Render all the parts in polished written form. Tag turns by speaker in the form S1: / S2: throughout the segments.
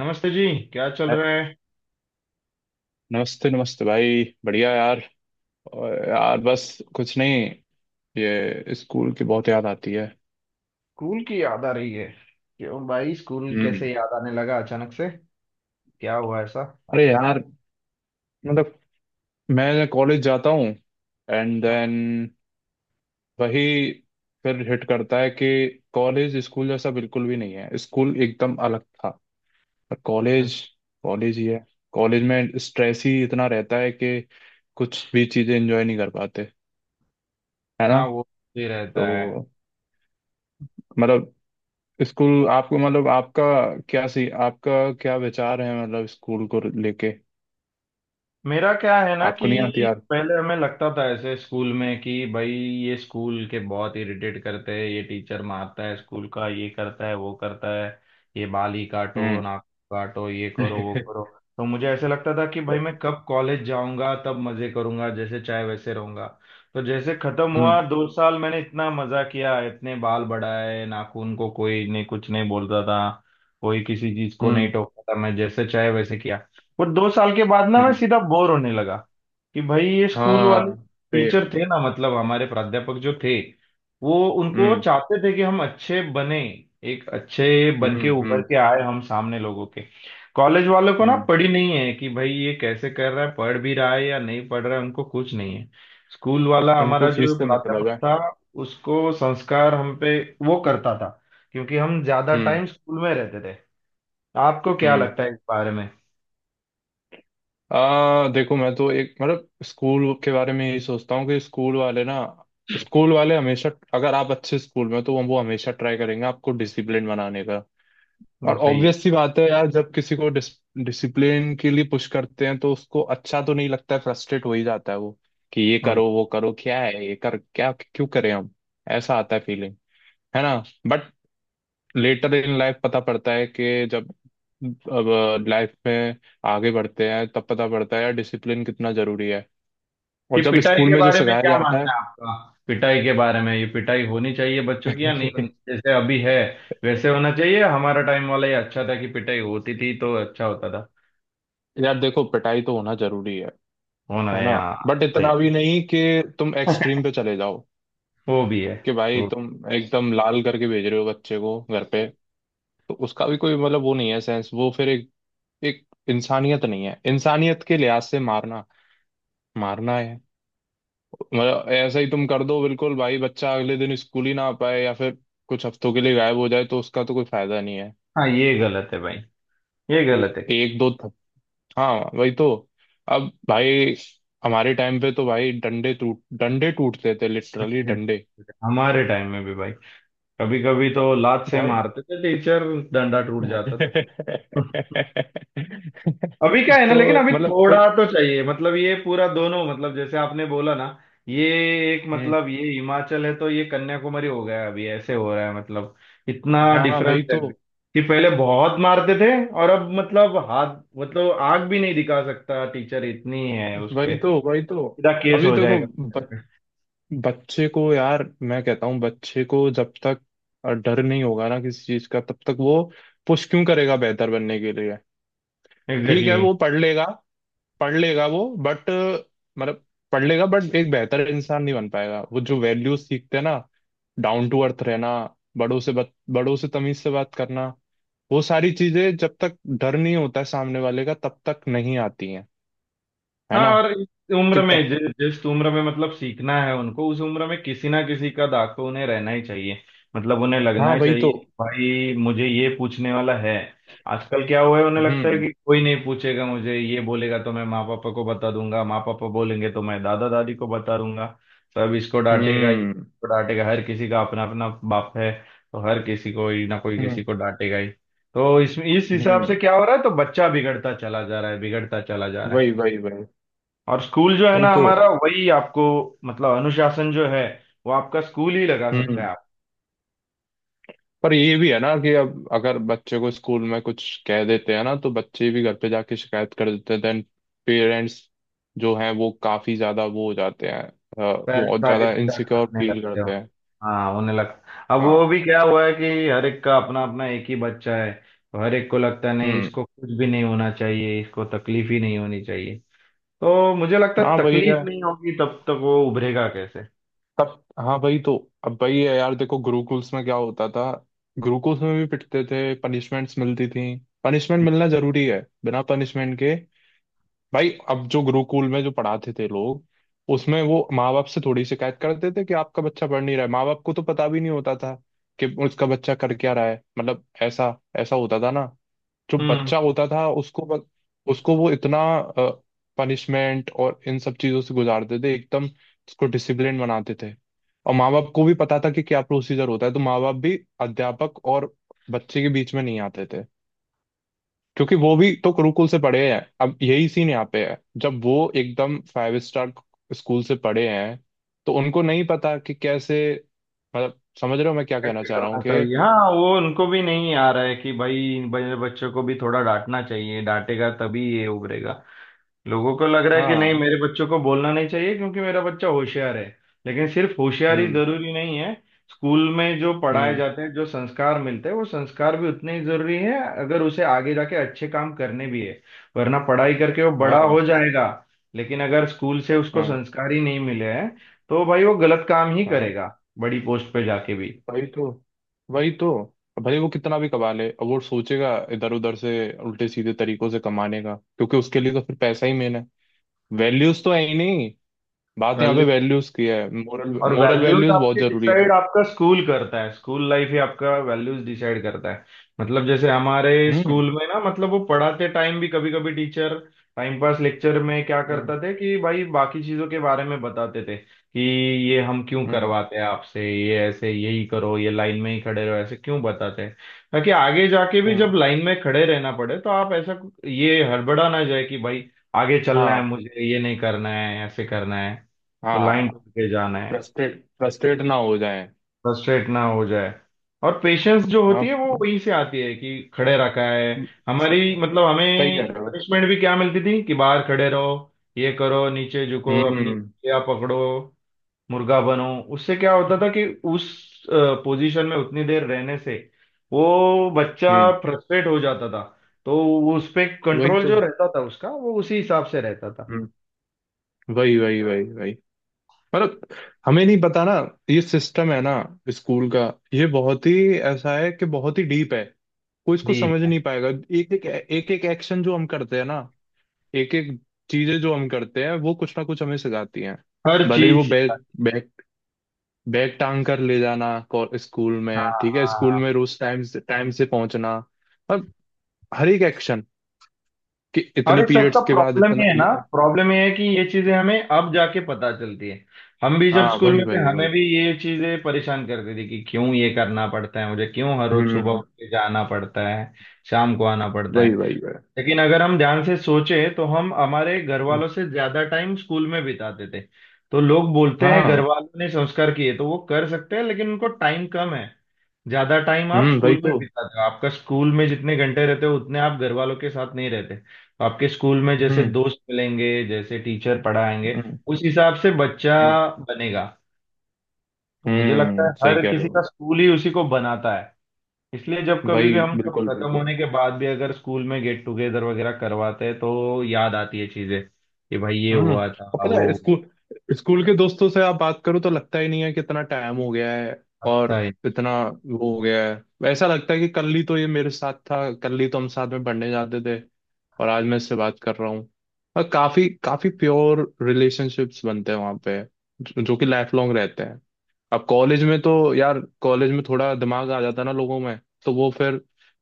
S1: नमस्ते जी। क्या चल
S2: अ-
S1: रहा है?
S2: नमस्ते नमस्ते भाई, बढ़िया यार। और यार बस कुछ नहीं, ये स्कूल की बहुत याद आती है।
S1: स्कूल की याद आ रही है? क्यों भाई, स्कूल
S2: हम्म।
S1: कैसे याद आने लगा अचानक से? क्या हुआ ऐसा?
S2: अरे यार, मतलब मैं कॉलेज जाता हूँ, एंड
S1: हाँ,
S2: देन वही, फिर हिट करता है कि कॉलेज स्कूल जैसा बिल्कुल भी नहीं है। स्कूल एकदम अलग था, पर कॉलेज कॉलेज ही है। कॉलेज में स्ट्रेस ही इतना रहता है कि कुछ भी चीजें एंजॉय नहीं कर पाते। है ना?
S1: हाँ, वो भी रहता है।
S2: तो मतलब स्कूल आपको, मतलब आपका, क्या सी आपका क्या विचार है मतलब स्कूल को लेके?
S1: मेरा क्या है ना
S2: आपको नहीं आती
S1: कि
S2: यार?
S1: पहले हमें लगता था ऐसे स्कूल में कि भाई ये स्कूल के बहुत इरिटेट करते हैं, ये टीचर मारता है, स्कूल का ये करता है वो करता है, ये बाल ही काटो,
S2: हम्म।
S1: नाक काटो, ये करो वो करो। तो मुझे ऐसे लगता था कि भाई मैं कब कॉलेज जाऊंगा तब मजे करूंगा, जैसे चाहे वैसे रहूंगा। तो जैसे खत्म हुआ
S2: हम्म,
S1: दो साल, मैंने इतना मजा किया, इतने बाल बढ़ाए नाखून, को कोई नहीं कुछ नहीं बोलता था। कोई किसी चीज को नहीं
S2: हम्म,
S1: टोकता था, मैं जैसे चाहे वैसे किया। वो दो साल के बाद ना मैं
S2: हम्म।
S1: सीधा बोर होने लगा कि भाई ये स्कूल वाले
S2: हाँ, सेम।
S1: टीचर थे ना, मतलब हमारे प्राध्यापक जो थे, वो उनको
S2: हम्म,
S1: चाहते थे कि हम अच्छे बने, एक अच्छे
S2: हम्म,
S1: बन के उभर
S2: हम्म,
S1: के आए हम सामने लोगों के। कॉलेज वालों को ना
S2: हम्म।
S1: पड़ी नहीं है कि भाई ये कैसे कर रहा है, पढ़ भी रहा है या नहीं पढ़ रहा है, उनको कुछ नहीं है। स्कूल वाला हमारा
S2: उनको फीस
S1: जो
S2: से मतलब
S1: प्राध्यापक
S2: है।
S1: था, उसको संस्कार हम पे वो करता था, क्योंकि हम ज्यादा
S2: हम्म,
S1: टाइम स्कूल में रहते थे। आपको क्या
S2: हम्म।
S1: लगता है इस बारे में?
S2: आ देखो, मैं तो एक मतलब स्कूल के बारे में यही सोचता हूँ कि स्कूल वाले ना, स्कूल वाले हमेशा, अगर आप अच्छे स्कूल में हो, तो वो हमेशा ट्राई करेंगे आपको डिसिप्लिन बनाने का।
S1: वो
S2: और
S1: सही
S2: ऑब्वियस सी बात है यार, जब किसी को डिसिप्लिन के लिए पुश करते हैं तो उसको अच्छा तो नहीं लगता है, फ्रस्ट्रेट हो ही जाता है वो। कि ये
S1: है।
S2: करो वो करो, क्या है ये, कर क्या, क्यों करें हम? ऐसा आता है फीलिंग। है ना? बट लेटर इन लाइफ पता पड़ता है कि जब, अब लाइफ में आगे बढ़ते हैं तब पता पड़ता है यार डिसिप्लिन कितना जरूरी है। और
S1: ये
S2: जब
S1: पिटाई
S2: स्कूल
S1: के
S2: में जो
S1: बारे में
S2: सिखाया
S1: क्या
S2: जाता है।
S1: मानना है आपका? पिटाई के बारे में, ये पिटाई होनी चाहिए बच्चों की या नहीं होनी चाहिए? जैसे अभी है वैसे होना चाहिए? हमारा टाइम वाला ये अच्छा था कि पिटाई होती थी तो अच्छा होता था।
S2: यार देखो, पिटाई तो होना जरूरी है।
S1: होना
S2: है
S1: है,
S2: ना?
S1: हाँ।
S2: बट
S1: सही।
S2: इतना भी नहीं कि तुम एक्सट्रीम पे चले जाओ,
S1: वो भी है।
S2: कि भाई
S1: वो।
S2: तुम एकदम लाल करके भेज रहे हो बच्चे को घर पे। तो उसका भी कोई मतलब वो नहीं है, सेंस वो, फिर एक एक इंसानियत नहीं है, इंसानियत के लिहाज से मारना, मारना है। मतलब ऐसा ही तुम कर दो बिल्कुल भाई, बच्चा अगले दिन स्कूल ही ना आ पाए या फिर कुछ हफ्तों के लिए गायब हो जाए, तो उसका तो कोई फायदा नहीं है।
S1: हाँ। ये गलत है भाई, ये गलत है।
S2: एक दो थप। हाँ वही तो। अब भाई हमारे टाइम पे तो भाई, डंडे टूटते थे, लिटरली डंडे
S1: हमारे टाइम में भी भाई, कभी कभी तो लात से
S2: भाई।
S1: मारते थे टीचर, डंडा टूट जाता था। तो
S2: तो
S1: अभी क्या है ना, लेकिन अभी
S2: मतलब
S1: थोड़ा
S2: कोई।
S1: तो चाहिए मतलब, ये पूरा दोनों मतलब जैसे आपने बोला ना, ये एक
S2: हम्म।
S1: मतलब, ये हिमाचल है तो ये कन्याकुमारी हो गया अभी, ऐसे हो रहा है मतलब। इतना
S2: हाँ हाँ,
S1: डिफरेंस
S2: वही तो,
S1: है अभी कि पहले बहुत मारते थे, और अब मतलब हाथ मतलब आग भी नहीं दिखा सकता टीचर, इतनी है उस
S2: वही
S1: पे,
S2: तो, वही तो।
S1: सीधा केस
S2: अभी
S1: हो
S2: देखो,
S1: जाएगा।
S2: बच्चे को यार मैं कहता हूँ बच्चे को, जब तक डर नहीं होगा ना किसी चीज का, तब तक वो पुश क्यों करेगा बेहतर बनने के लिए? ठीक है,
S1: एग्जैक्टली।
S2: वो पढ़ लेगा, पढ़ लेगा वो, बट मतलब पढ़ लेगा बट एक बेहतर इंसान नहीं बन पाएगा वो। जो वैल्यूज सीखते हैं ना, डाउन टू अर्थ रहना, बड़ों से तमीज से बात करना, वो सारी चीजें जब तक डर नहीं होता है सामने वाले का तब तक नहीं आती हैं। है
S1: हाँ
S2: ना?
S1: और इस
S2: कि
S1: उम्र में
S2: तब।
S1: जिस उम्र में मतलब सीखना है उनको, उस उम्र में किसी ना किसी का दाग तो उन्हें रहना ही चाहिए। मतलब उन्हें
S2: हाँ
S1: लगना
S2: वही तो।
S1: चाहिए कि भाई मुझे ये पूछने वाला है। आजकल क्या हुआ है, उन्हें लगता है
S2: हम्म,
S1: कि कोई नहीं पूछेगा, मुझे ये बोलेगा तो मैं माँ पापा को बता दूंगा, माँ पापा बोलेंगे तो मैं दादा दादी को बता दूंगा, सब इसको डांटेगा ये
S2: हम्म,
S1: इसको डांटेगा, हर किसी का अपना अपना बाप है। तो हर किसी को ही ना कोई किसी
S2: हम्म,
S1: को डांटेगा ही। तो इसमें इस हिसाब से
S2: हम्म,
S1: क्या हो रहा है, तो बच्चा बिगड़ता चला जा रहा है, बिगड़ता चला जा रहा
S2: वही
S1: है।
S2: वही वही
S1: और स्कूल जो है
S2: वही
S1: ना
S2: तो।
S1: हमारा, वही आपको मतलब अनुशासन जो है, वो आपका स्कूल ही लगा सकता है।
S2: हम्म।
S1: आप
S2: पर ये भी है ना कि अब अगर बच्चे को स्कूल में कुछ कह देते हैं ना, तो बच्चे भी घर पे जाके शिकायत कर देते हैं, देन पेरेंट्स जो हैं वो काफी ज्यादा वो हो जाते हैं,
S1: पेरेंट्स
S2: बहुत
S1: आके
S2: ज्यादा
S1: सीधा
S2: इनसिक्योर
S1: डांटने
S2: फील
S1: लगते हो।
S2: करते हैं।
S1: हाँ, उन्हें लगता अब,
S2: हाँ।
S1: वो भी क्या हुआ है कि हर एक का अपना अपना एक ही बच्चा है, तो हर एक को लगता है नहीं
S2: हम्म।
S1: इसको कुछ भी नहीं होना चाहिए, इसको तकलीफ ही नहीं होनी चाहिए। तो मुझे लगता है
S2: हाँ वही है।
S1: तकलीफ नहीं होगी तब तक वो उभरेगा कैसे।
S2: तब हाँ भाई तो, अब भाई ये, यार देखो, गुरुकुल्स में क्या होता था? गुरुकुल्स में भी पिटते थे, पनिशमेंट्स मिलती थी। पनिशमेंट मिलना जरूरी है, बिना पनिशमेंट के भाई। अब जो गुरुकुल में जो पढ़ाते थे लोग, उसमें वो माँ बाप से थोड़ी शिकायत करते थे कि आपका बच्चा पढ़ नहीं रहा है। माँ बाप को तो पता भी नहीं होता था कि उसका बच्चा कर क्या रहा है। मतलब ऐसा ऐसा होता था ना। जो
S1: हम्म।
S2: बच्चा होता था, उसको वो इतना पनिशमेंट और इन सब चीजों से गुजारते थे, एकदम उसको डिसिप्लिन बनाते थे। और माँ बाप को भी पता था कि क्या प्रोसीजर होता है, तो माँ बाप भी अध्यापक और बच्चे के बीच में नहीं आते थे, क्योंकि वो भी तो गुरुकुल से पढ़े हैं। अब यही सीन यहाँ पे है, जब वो एकदम फाइव स्टार स्कूल से पढ़े हैं तो उनको नहीं पता कि कैसे, मतलब समझ रहे हो मैं क्या कहना
S1: कैसे
S2: चाह रहा हूँ
S1: करना
S2: कि,
S1: चाहिए, हाँ, वो उनको भी नहीं आ रहा है कि भाई बड़े बच्चों को भी थोड़ा डांटना चाहिए, डांटेगा तभी ये उभरेगा। लोगों को लग रहा है कि नहीं
S2: हाँ।
S1: मेरे बच्चों को बोलना नहीं चाहिए क्योंकि मेरा बच्चा होशियार है। लेकिन सिर्फ होशियारी
S2: हम्म,
S1: जरूरी नहीं है। स्कूल में जो पढ़ाए
S2: हम्म।
S1: जाते हैं, जो संस्कार मिलते हैं, वो संस्कार भी उतने ही जरूरी है अगर उसे आगे जाके अच्छे काम करने भी है। वरना पढ़ाई करके वो बड़ा हो
S2: हाँ
S1: जाएगा, लेकिन अगर स्कूल से उसको
S2: हाँ
S1: संस्कार ही नहीं मिले हैं, तो भाई वो गलत काम ही
S2: हाँ,
S1: करेगा बड़ी पोस्ट पे जाके
S2: वही तो, वही तो। भले वो कितना भी कमा ले, अब वो सोचेगा इधर उधर से, उल्टे सीधे तरीकों से कमाने का, क्योंकि उसके लिए तो फिर पैसा ही मेन है। वैल्यूज तो है ही नहीं। बात यहाँ
S1: भी।
S2: पे वैल्यूज की है, मोरल।
S1: और
S2: मोरल
S1: वैल्यूज
S2: वैल्यूज बहुत
S1: आपके
S2: जरूरी है।
S1: डिसाइड आपका स्कूल करता है, स्कूल लाइफ ही आपका वैल्यूज डिसाइड करता है। मतलब जैसे हमारे
S2: हम्म,
S1: स्कूल में ना मतलब वो पढ़ाते टाइम भी कभी कभी टीचर टाइम पास लेक्चर में क्या
S2: हम्म,
S1: करता थे कि भाई बाकी चीजों के बारे में बताते थे कि ये हम क्यों
S2: हम्म,
S1: करवाते हैं आपसे, ये ऐसे यही करो, ये लाइन में ही खड़े रहो, ऐसे क्यों बताते हैं, ताकि आगे जाके भी जब
S2: हम्म।
S1: लाइन में खड़े रहना पड़े तो आप ऐसा ये हड़बड़ा ना जाए कि भाई आगे चलना है,
S2: हाँ।
S1: मुझे ये नहीं करना है, ऐसे करना है, तो लाइन
S2: हाँ।
S1: टूट के जाना है,
S2: फ्रस्ट्रेट फ्रस्ट्रेट ना हो जाए।
S1: फ्रस्ट्रेट ना हो जाए। और पेशेंस जो होती
S2: हाँ।
S1: है वो वहीं से आती है, कि खड़े रखा है।
S2: स-
S1: हमारी मतलब
S2: सही कह
S1: हमें
S2: रहे हो।
S1: पनिशमेंट भी क्या मिलती थी कि बाहर खड़े रहो, ये करो, नीचे झुको अपनी
S2: हम्म,
S1: या पकड़ो, मुर्गा बनो। उससे क्या होता था कि उस पोजीशन में उतनी देर रहने से वो बच्चा
S2: हम्म,
S1: फ्रस्ट्रेट हो जाता था, तो वो उस पे
S2: वही
S1: कंट्रोल
S2: तो।
S1: जो रहता था उसका, वो उसी हिसाब से रहता था।
S2: हम्म, वही वही वही वही। मतलब हमें नहीं पता ना, ये सिस्टम है ना स्कूल का, ये बहुत ही, ऐसा है कि बहुत ही डीप है, कोई इसको
S1: डीप
S2: समझ
S1: है।
S2: नहीं पाएगा। एक एक एक्शन जो हम करते हैं ना, एक एक चीजें जो हम करते हैं वो कुछ ना कुछ हमें सिखाती हैं।
S1: हर
S2: भले ही वो
S1: चीज, हाँ।
S2: बैग बैग बैग टांग कर ले जाना स्कूल
S1: हाँ
S2: में, ठीक है, स्कूल
S1: हाँ।
S2: में रोज टाइम से पहुंचना, और हर एक एक्शन, कि
S1: और
S2: इतने
S1: इस सबका
S2: पीरियड्स के बाद
S1: प्रॉब्लम ये
S2: इतना
S1: है ना, प्रॉब्लम ये है कि ये चीजें हमें अब जाके पता चलती है। हम भी जब
S2: हाँ
S1: स्कूल
S2: वही
S1: में थे,
S2: वही
S1: हमें
S2: वही।
S1: भी ये चीजें परेशान करती थी कि क्यों ये करना पड़ता है मुझे, क्यों हर रोज सुबह
S2: हम्म।
S1: उठ के जाना पड़ता है, शाम को आना पड़ता है।
S2: वही वही वही।
S1: लेकिन अगर हम ध्यान से सोचें तो हम हमारे घर
S2: हम्म,
S1: वालों से ज्यादा टाइम स्कूल में बिताते थे। तो लोग बोलते हैं घर
S2: हाँ।
S1: वालों ने संस्कार किए तो वो कर सकते हैं, लेकिन उनको टाइम कम है। ज्यादा टाइम आप
S2: हम्म, वही
S1: स्कूल में
S2: तो।
S1: बिताते हो, आपका स्कूल में जितने घंटे रहते हो उतने आप घर वालों के साथ नहीं रहते, तो आपके स्कूल में जैसे
S2: हम्म,
S1: दोस्त मिलेंगे, जैसे टीचर पढ़ाएंगे,
S2: हम्म,
S1: उस हिसाब से बच्चा
S2: हम्म,
S1: बनेगा। तो मुझे लगता है
S2: सही
S1: हर
S2: कह रहे
S1: किसी का
S2: हो।
S1: स्कूल ही उसी को बनाता है। इसलिए जब कभी भी
S2: भाई
S1: हम सब
S2: बिल्कुल
S1: खत्म
S2: बिल्कुल।
S1: होने के बाद भी अगर स्कूल में गेट टुगेदर वगैरह करवाते हैं तो याद आती है चीजें कि भाई ये
S2: हम्म।
S1: हुआ
S2: और
S1: था
S2: पता
S1: वो।
S2: है स्कूल स्कूल के दोस्तों से आप बात करो तो लगता ही नहीं है कि इतना टाइम हो गया है। और
S1: लगता है।
S2: इतना वो हो गया है, ऐसा लगता है कि कल ही तो ये मेरे साथ था, कल ही तो हम साथ में पढ़ने जाते थे, और आज मैं इससे बात कर रहा हूँ। और काफी काफी प्योर रिलेशनशिप्स बनते हैं वहाँ पे, जो जो कि लाइफ लॉन्ग रहते हैं। अब कॉलेज में तो यार, कॉलेज में थोड़ा दिमाग आ जाता है ना लोगों में, तो वो फिर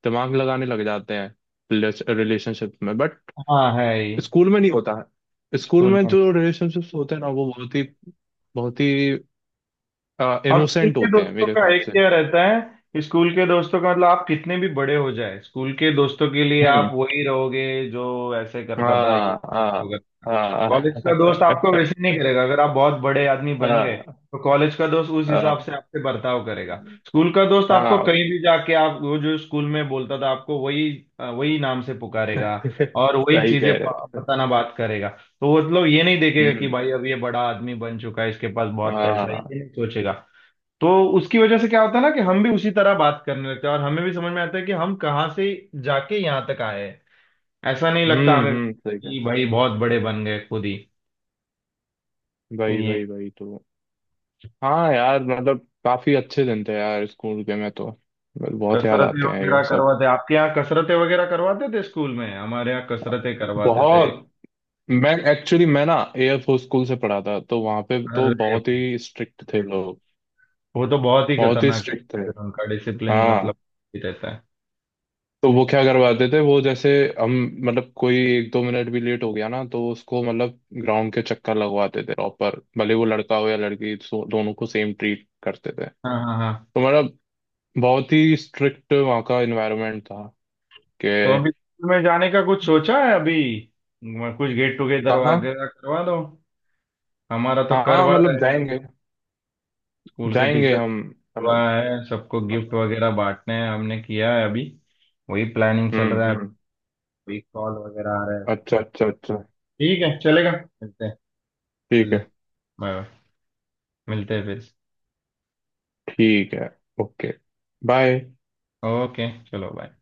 S2: दिमाग लगाने लग जाते हैं रिलेशनशिप में, बट
S1: हाँ, है ही।
S2: स्कूल में नहीं होता है। स्कूल
S1: स्कूल
S2: में
S1: में।
S2: जो रिलेशनशिप्स होते हैं ना, वो बहुत ही
S1: और स्कूल
S2: इनोसेंट
S1: के
S2: होते हैं
S1: दोस्तों
S2: मेरे
S1: का
S2: हिसाब
S1: एक
S2: से।
S1: क्या रहता है, स्कूल के दोस्तों का मतलब आप कितने भी बड़े हो जाए, स्कूल के दोस्तों के लिए आप
S2: हम्म।
S1: वही रहोगे जो ऐसे करता था ये,
S2: हाँ
S1: वो
S2: हाँ
S1: करता था। कॉलेज का दोस्त
S2: हाँ।
S1: आपको वैसे नहीं करेगा अगर आप बहुत बड़े आदमी बन गए,
S2: हाँ।
S1: तो कॉलेज का दोस्त उस
S2: हाँ
S1: हिसाब से आपसे बर्ताव करेगा। स्कूल का दोस्त आपको कहीं
S2: हाँ।
S1: भी जाके, आप वो जो स्कूल में बोलता था आपको वही वही नाम से पुकारेगा। और वही
S2: सही
S1: चीजें
S2: कह रहे हो।
S1: बताना बात करेगा। तो वो मतलब ये नहीं देखेगा कि
S2: हम्म।
S1: भाई अब ये बड़ा आदमी बन चुका है, इसके पास बहुत पैसा है,
S2: हाँ।
S1: ये नहीं सोचेगा। तो उसकी वजह से क्या होता है ना, कि हम भी उसी तरह बात करने लगते हैं, और हमें भी समझ में आता है कि हम कहाँ से जाके यहाँ तक आए हैं। ऐसा नहीं लगता
S2: हम्म,
S1: हमें
S2: हम्म, सही कह।
S1: कि भाई बहुत बड़े बन गए खुद ही
S2: भाई
S1: ये।
S2: भाई भाई, तो हाँ यार मतलब काफी अच्छे दिन थे यार स्कूल के, में तो बहुत याद
S1: कसरतें
S2: आते हैं ये
S1: वगैरह
S2: सब।
S1: करवाते आपके यहाँ? कसरतें वगैरह करवाते थे स्कूल में? हमारे यहाँ कसरतें करवाते थे।
S2: बहुत। मैं एक्चुअली, मैं ना एयरफोर्स स्कूल से पढ़ा था, तो वहां पे तो
S1: अरे
S2: बहुत
S1: भाई,
S2: ही स्ट्रिक्ट थे लोग,
S1: वो तो बहुत ही
S2: बहुत ही
S1: खतरनाक
S2: स्ट्रिक्ट थे।
S1: है। उनका डिसिप्लिन
S2: हाँ।
S1: मतलब ही रहता है।
S2: तो वो क्या करवाते थे वो जैसे, हम, मतलब कोई एक दो मिनट भी लेट हो गया ना, तो उसको मतलब ग्राउंड के चक्कर लगवाते थे प्रॉपर, भले वो लड़का हो या लड़की, दोनों को सेम ट्रीट करते थे।
S1: हाँ, हाँ, हाँ।
S2: तो मतलब बहुत ही स्ट्रिक्ट वहाँ का एनवायरनमेंट था
S1: तो
S2: कि,
S1: अभी स्कूल में जाने का कुछ सोचा है अभी? कुछ गेट टुगेदर
S2: कहाँ?
S1: वगैरह करवा दो। हमारा तो
S2: हाँ
S1: करवा
S2: मतलब
S1: रहे हैं
S2: जाएंगे,
S1: स्कूल के
S2: जाएंगे
S1: टीचर,
S2: हम,
S1: हुआ
S2: मतलब,
S1: है, सबको गिफ्ट वगैरह बांटने हैं, हमने किया है अभी, वही प्लानिंग चल
S2: हम्म,
S1: रहा है।
S2: हम्म,
S1: अभी कॉल वगैरह आ रहा है।
S2: अच्छा अच्छा अच्छा।
S1: ठीक है, चलेगा, मिलते हैं।
S2: ठीक है।
S1: चलिए, बाय बाय। मिलते हैं फिर।
S2: ठीक है, ओके, बाय।
S1: ओके चलो, बाय।